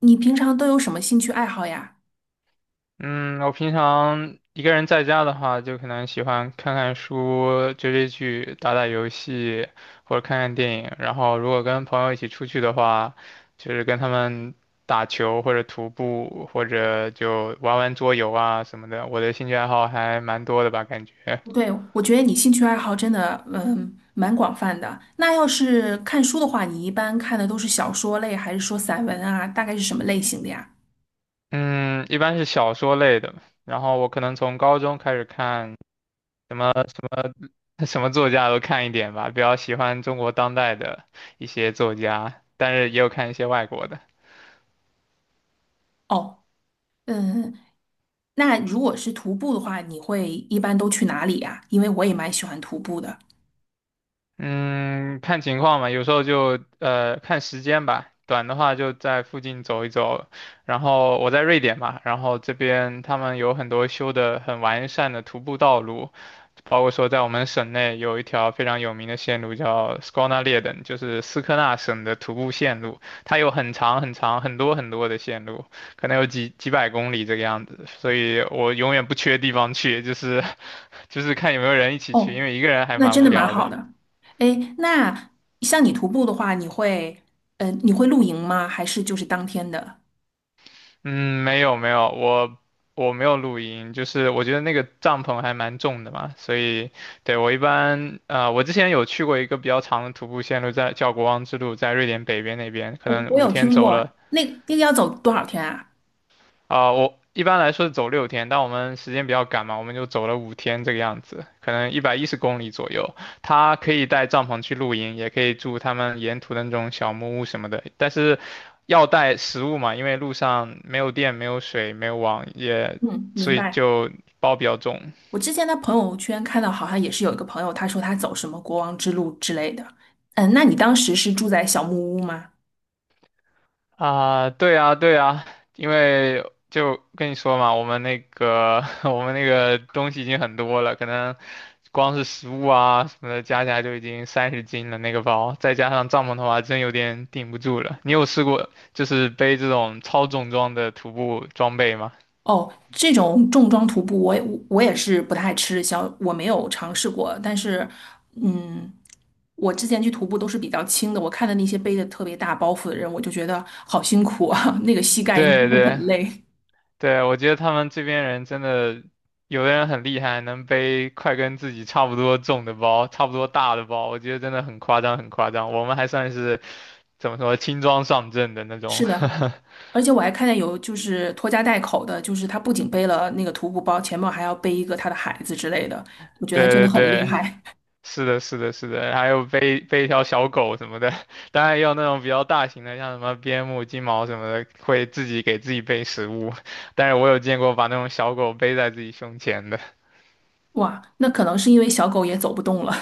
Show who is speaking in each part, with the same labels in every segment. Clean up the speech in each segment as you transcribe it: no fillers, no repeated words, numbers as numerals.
Speaker 1: 你平常都有什么兴趣爱好呀？
Speaker 2: 嗯，我平常一个人在家的话，就可能喜欢看看书、追追剧、打打游戏，或者看看电影。然后，如果跟朋友一起出去的话，就是跟他们打球或者徒步，或者就玩玩桌游啊什么的。我的兴趣爱好还蛮多的吧，感觉。
Speaker 1: 对，我觉得你兴趣爱好真的，蛮广泛的。那要是看书的话，你一般看的都是小说类，还是说散文啊？大概是什么类型的呀？
Speaker 2: 嗯，一般是小说类的。然后我可能从高中开始看。什么。什么作家都看一点吧，比较喜欢中国当代的一些作家，但是也有看一些外国的。
Speaker 1: 哦，嗯。那如果是徒步的话，你会一般都去哪里呀？因为我也蛮喜欢徒步的。
Speaker 2: 嗯，看情况吧，有时候就看时间吧，短的话就在附近走一走。然后我在瑞典嘛，然后这边他们有很多修的很完善的徒步道路，包括说在我们省内有一条非常有名的线路叫 Skånaleden，就是斯科纳省的徒步线路，它有很长很长很多很多的线路，可能有几百公里这个样子，所以我永远不缺地方去，就是 就是看有没有人一起去，
Speaker 1: 哦，
Speaker 2: 因为一个人还
Speaker 1: 那
Speaker 2: 蛮
Speaker 1: 真
Speaker 2: 无
Speaker 1: 的蛮
Speaker 2: 聊的。
Speaker 1: 好的。哎，那像你徒步的话，你会露营吗？还是就是当天的？
Speaker 2: 嗯，没有没有，我没有录音，就是我觉得那个帐篷还蛮重的嘛，所以对我一般我之前有去过一个比较长的徒步线路在，叫国王之路，在瑞典北边那边，可
Speaker 1: 我
Speaker 2: 能
Speaker 1: 我
Speaker 2: 五
Speaker 1: 有
Speaker 2: 天
Speaker 1: 听
Speaker 2: 走
Speaker 1: 过，
Speaker 2: 了
Speaker 1: 那个要走多少天啊？
Speaker 2: 啊、我一般来说是走6天，但我们时间比较赶嘛，我们就走了五天这个样子，可能110公里左右。他可以带帐篷去露营，也可以住他们沿途的那种小木屋什么的，但是要带食物嘛，因为路上没有电、没有水、没有网，也
Speaker 1: 嗯，
Speaker 2: 所
Speaker 1: 明
Speaker 2: 以
Speaker 1: 白。
Speaker 2: 就包比较重。
Speaker 1: 我之前在朋友圈看到，好像也是有一个朋友，他说他走什么国王之路之类的。嗯，那你当时是住在小木屋吗？
Speaker 2: 啊，对啊，对啊，因为就跟你说嘛，我们那个 我们那个东西已经很多了，可能光是食物啊什么的加起来就已经30斤了那个包，再加上帐篷的话，真有点顶不住了。你有试过就是背这种超重装的徒步装备吗？
Speaker 1: 哦，这种重装徒步我也，我也是不太吃小，我没有尝试过。但是，嗯，我之前去徒步都是比较轻的，我看的那些背的特别大包袱的人，我就觉得好辛苦啊，那个膝盖应该
Speaker 2: 对
Speaker 1: 会很
Speaker 2: 对。
Speaker 1: 累。
Speaker 2: 对，我觉得他们这边人真的，有的人很厉害，能背快跟自己差不多重的包，差不多大的包，我觉得真的很夸张，很夸张。我们还算是怎么说轻装上阵的那 种。
Speaker 1: 是的，而且我还看见有就是拖家带口的，就是他不仅背了那个徒步包，前面还要背一个他的孩子之类的，我觉得他真的
Speaker 2: 对对
Speaker 1: 很厉
Speaker 2: 对，
Speaker 1: 害。
Speaker 2: 是的，是的，是的，还有背背一条小狗什么的，当然也有那种比较大型的，像什么边牧、金毛什么的，会自己给自己背食物。但是我有见过把那种小狗背在自己胸前的。
Speaker 1: 哇，那可能是因为小狗也走不动了。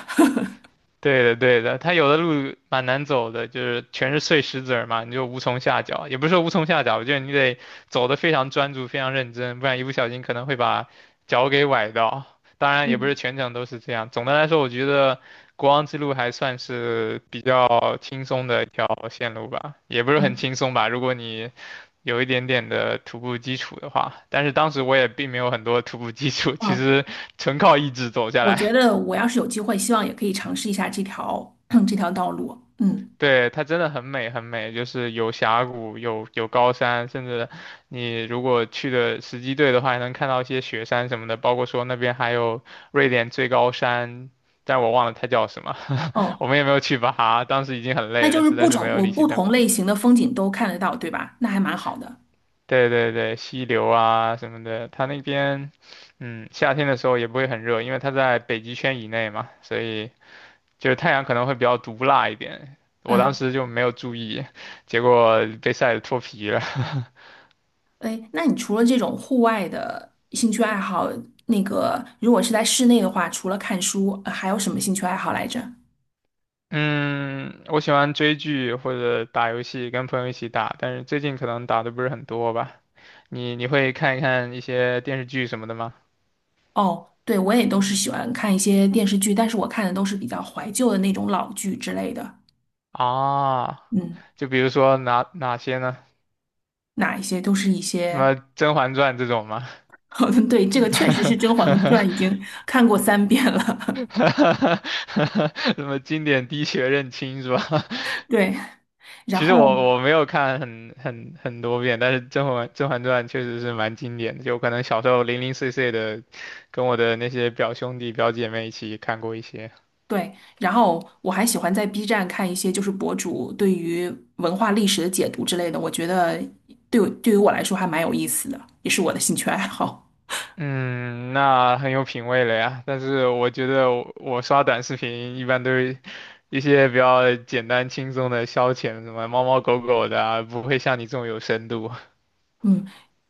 Speaker 2: 对的，对的，它有的路蛮难走的，就是全是碎石子儿嘛，你就无从下脚，也不是说无从下脚，我觉得你得走得非常专注、非常认真，不然一不小心可能会把脚给崴到。当 然，也不是
Speaker 1: 嗯
Speaker 2: 全程都是这样。总的来说，我觉得国王之路还算是比较轻松的一条线路吧，也不是很
Speaker 1: 嗯
Speaker 2: 轻松吧，如果你有一点点的徒步基础的话。但是当时我也并没有很多徒步基础，其
Speaker 1: 嗯，
Speaker 2: 实纯靠意志走下
Speaker 1: 我觉
Speaker 2: 来
Speaker 1: 得我要是有机会，希望也可以尝试一下这条 这条道路。嗯。
Speaker 2: 对，它真的很美很美，就是有峡谷，有高山，甚至你如果去的时机对的话，还能看到一些雪山什么的，包括说那边还有瑞典最高山，但我忘了它叫什么，我
Speaker 1: 哦，
Speaker 2: 们也没有去爬，当时已经很
Speaker 1: 那
Speaker 2: 累了，
Speaker 1: 就是
Speaker 2: 实
Speaker 1: 不
Speaker 2: 在是
Speaker 1: 种
Speaker 2: 没有
Speaker 1: 我
Speaker 2: 力气
Speaker 1: 不
Speaker 2: 再
Speaker 1: 同
Speaker 2: 爬。
Speaker 1: 类型的风景都看得到，对吧？那还蛮好的。
Speaker 2: 对对对，溪流啊什么的，它那边，嗯，夏天的时候也不会很热，因为它在北极圈以内嘛，所以。就是太阳可能会比较毒辣一点。我当
Speaker 1: 嗯。
Speaker 2: 时就没有注意，结果被晒得脱皮了。
Speaker 1: 哎，那你除了这种户外的兴趣爱好，那个如果是在室内的话，除了看书，还有什么兴趣爱好来着？
Speaker 2: 嗯，我喜欢追剧或者打游戏，跟朋友一起打，但是最近可能打的不是很多吧。你会看一些电视剧什么的吗？
Speaker 1: 哦，对，我也都是喜欢看一些电视剧，但是我看的都是比较怀旧的那种老剧之类的。
Speaker 2: 啊，
Speaker 1: 嗯，
Speaker 2: 就比如说哪些呢？
Speaker 1: 哪一些都是一
Speaker 2: 什
Speaker 1: 些。
Speaker 2: 么《甄嬛传》这种吗？
Speaker 1: 好的，对，这个确实是《甄嬛传》已 经看过3遍了。
Speaker 2: 什么经典滴血认亲是吧？
Speaker 1: 对，然
Speaker 2: 其实
Speaker 1: 后。
Speaker 2: 我没有看很多遍，但是《甄嬛传》确实是蛮经典的，就可能小时候零零碎碎的，跟我的那些表兄弟表姐妹一起看过一些。
Speaker 1: 对，然后我还喜欢在 B 站看一些就是博主对于文化历史的解读之类的，我觉得对于我来说还蛮有意思的，也是我的兴趣爱好。
Speaker 2: 嗯，那很有品味了呀。但是我觉得我刷短视频一般都是一些比较简单轻松的消遣，什么猫猫狗狗的啊，不会像你这种有深度。
Speaker 1: 嗯，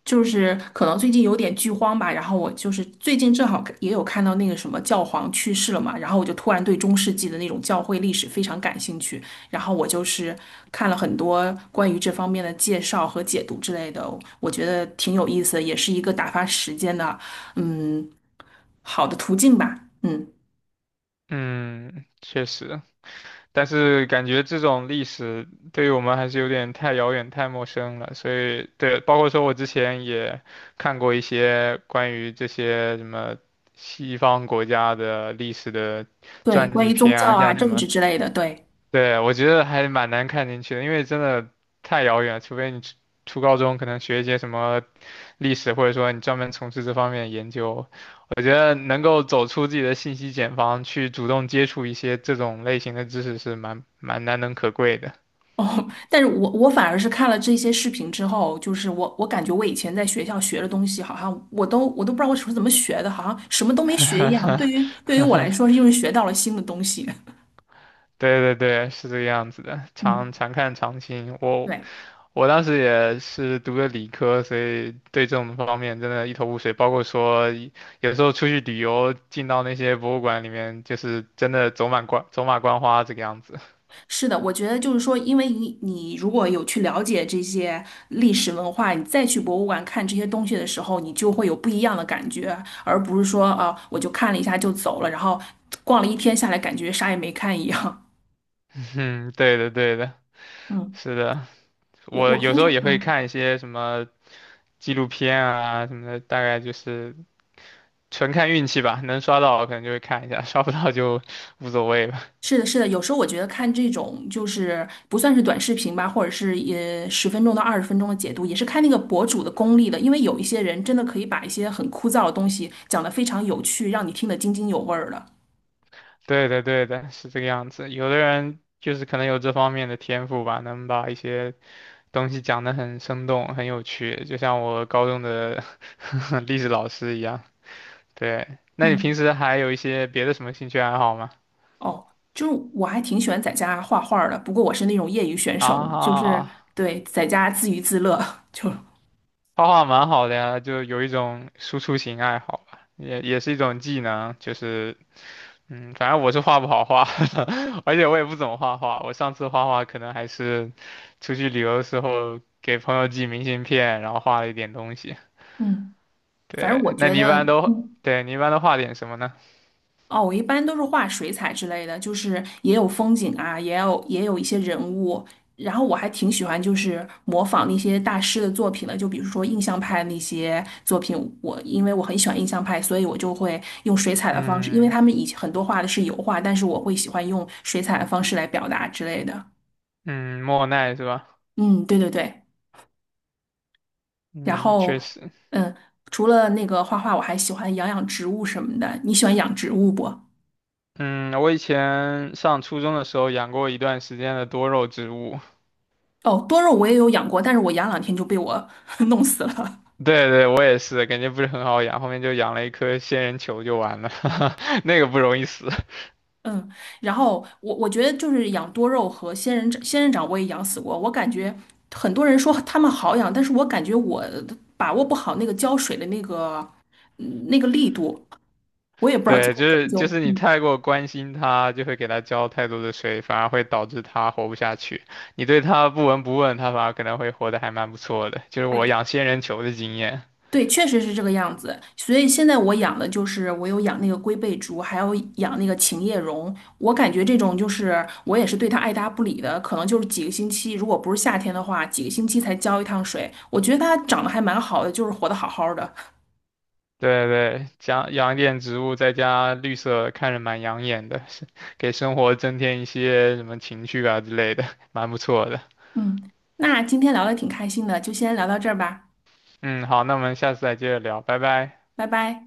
Speaker 1: 就是可能最近有点剧荒吧，然后我就是最近正好也有看到那个什么教皇去世了嘛，然后我就突然对中世纪的那种教会历史非常感兴趣，然后我就是看了很多关于这方面的介绍和解读之类的，我觉得挺有意思的，也是一个打发时间的。嗯，好的途径吧。嗯，
Speaker 2: 嗯，确实。但是感觉这种历史对于我们还是有点太遥远、太陌生了，所以对，包括说我之前也看过一些关于这些什么西方国家的历史的
Speaker 1: 对，
Speaker 2: 传
Speaker 1: 关
Speaker 2: 记
Speaker 1: 于宗
Speaker 2: 片
Speaker 1: 教
Speaker 2: 啊，
Speaker 1: 啊、
Speaker 2: 像什
Speaker 1: 政
Speaker 2: 么，
Speaker 1: 治之类的，对。
Speaker 2: 对，我觉得还蛮难看进去的，因为真的太遥远了除非你初高中可能学一些什么历史，或者说你专门从事这方面的研究，我觉得能够走出自己的信息茧房，去主动接触一些这种类型的知识是蛮难能可贵的。
Speaker 1: 哦，但是我反而是看了这些视频之后，就是我感觉我以前在学校学的东西，好像我都不知道我是怎么学的，好像什么都没学一样。对于我来说，又是学到了新的东西。
Speaker 2: 对对对，是这个样子的，常
Speaker 1: 嗯，
Speaker 2: 常看常新。我
Speaker 1: 对。
Speaker 2: 我当时也是读的理科，所以对这种方面真的一头雾水。包括说有时候出去旅游，进到那些博物馆里面，就是真的走马观花这个样子。
Speaker 1: 是的，我觉得就是说，因为你如果有去了解这些历史文化，你再去博物馆看这些东西的时候，你就会有不一样的感觉，而不是说啊、我就看了一下就走了，然后逛了一天下来，感觉啥也没看一样。
Speaker 2: 嗯，对的对的，
Speaker 1: 嗯，
Speaker 2: 是的。
Speaker 1: 我
Speaker 2: 我
Speaker 1: 我
Speaker 2: 有
Speaker 1: 平
Speaker 2: 时候
Speaker 1: 常
Speaker 2: 也会
Speaker 1: 嗯，
Speaker 2: 看一些什么纪录片啊什么的，大概就是纯看运气吧，能刷到可能就会看一下，刷不到就无所谓了。
Speaker 1: 是的，是的，有时候我觉得看这种就是不算是短视频吧，或者是也10分钟到20分钟的解读，也是看那个博主的功力的，因为有一些人真的可以把一些很枯燥的东西讲得非常有趣，让你听得津津有味儿的。
Speaker 2: 对的，对的，是这个样子。有的人就是可能有这方面的天赋吧，能把一些东西讲得很生动、很有趣，就像我高中的 历史老师一样。对，那你平
Speaker 1: 嗯。
Speaker 2: 时还有一些别的什么兴趣爱好吗？
Speaker 1: 哦，就是我还挺喜欢在家画画儿的，不过我是那种业余选手，就是
Speaker 2: 啊
Speaker 1: 对在家自娱自乐。就
Speaker 2: 画画蛮好的呀，就有一种输出型爱好吧，也是一种技能，就是嗯，反正我是画不好画，而且我也不怎么画画。我上次画画可能还是出去旅游的时候给朋友寄明信片，然后画了一点东西。
Speaker 1: 嗯，反正我
Speaker 2: 对，那
Speaker 1: 觉
Speaker 2: 你一
Speaker 1: 得，
Speaker 2: 般都，
Speaker 1: 嗯，
Speaker 2: 对，你一般都画点什么呢？
Speaker 1: 哦，我一般都是画水彩之类的，就是也有风景啊，也有一些人物，然后我还挺喜欢就是模仿那些大师的作品的，就比如说印象派那些作品，因为我很喜欢印象派，所以我就会用水彩的方式，因为
Speaker 2: 嗯
Speaker 1: 他们以前很多画的是油画，但是我会喜欢用水彩的方式来表达之类的。
Speaker 2: 嗯，莫奈是吧？
Speaker 1: 嗯，对对对。然
Speaker 2: 嗯，
Speaker 1: 后，
Speaker 2: 确实，
Speaker 1: 嗯，除了那个画画，我还喜欢养养植物什么的。你喜欢养植物不？
Speaker 2: 嗯，我以前上初中的时候养过一段时间的多肉植物，
Speaker 1: 哦，多肉我也有养过，但是我养2天就被我 弄死了。
Speaker 2: 对对，我也是，感觉不是很好养，后面就养了一颗仙人球就完了，那个不容易死。
Speaker 1: 嗯，然后我觉得就是养多肉和仙人掌，仙人掌我也养死过。我感觉很多人说他们好养，但是我感觉我把握不好那个浇水的那个那个力度，我也不知道最
Speaker 2: 对，
Speaker 1: 后
Speaker 2: 就
Speaker 1: 怎
Speaker 2: 是
Speaker 1: 么
Speaker 2: 就
Speaker 1: 就。
Speaker 2: 是你太过关心它，就会给它浇太多的水，反而会导致它活不下去。你对它不闻不问，它反而可能会活得还蛮不错的，就是
Speaker 1: 哎
Speaker 2: 我养仙人球的经验。
Speaker 1: 对，确实是这个样子。所以现在我养的就是我有养那个龟背竹，还有养那个琴叶榕。我感觉这种就是我也是对它爱搭不理的，可能就是几个星期，如果不是夏天的话，几个星期才浇一趟水。我觉得它长得还蛮好的，就是活得好好的。
Speaker 2: 对对，养养一点植物，再加绿色，看着蛮养眼的，是给生活增添一些什么情趣啊之类的，蛮不错的。
Speaker 1: 嗯，那今天聊的挺开心的，就先聊到这儿吧，
Speaker 2: 嗯，好，那我们下次再接着聊，拜拜。
Speaker 1: 拜拜。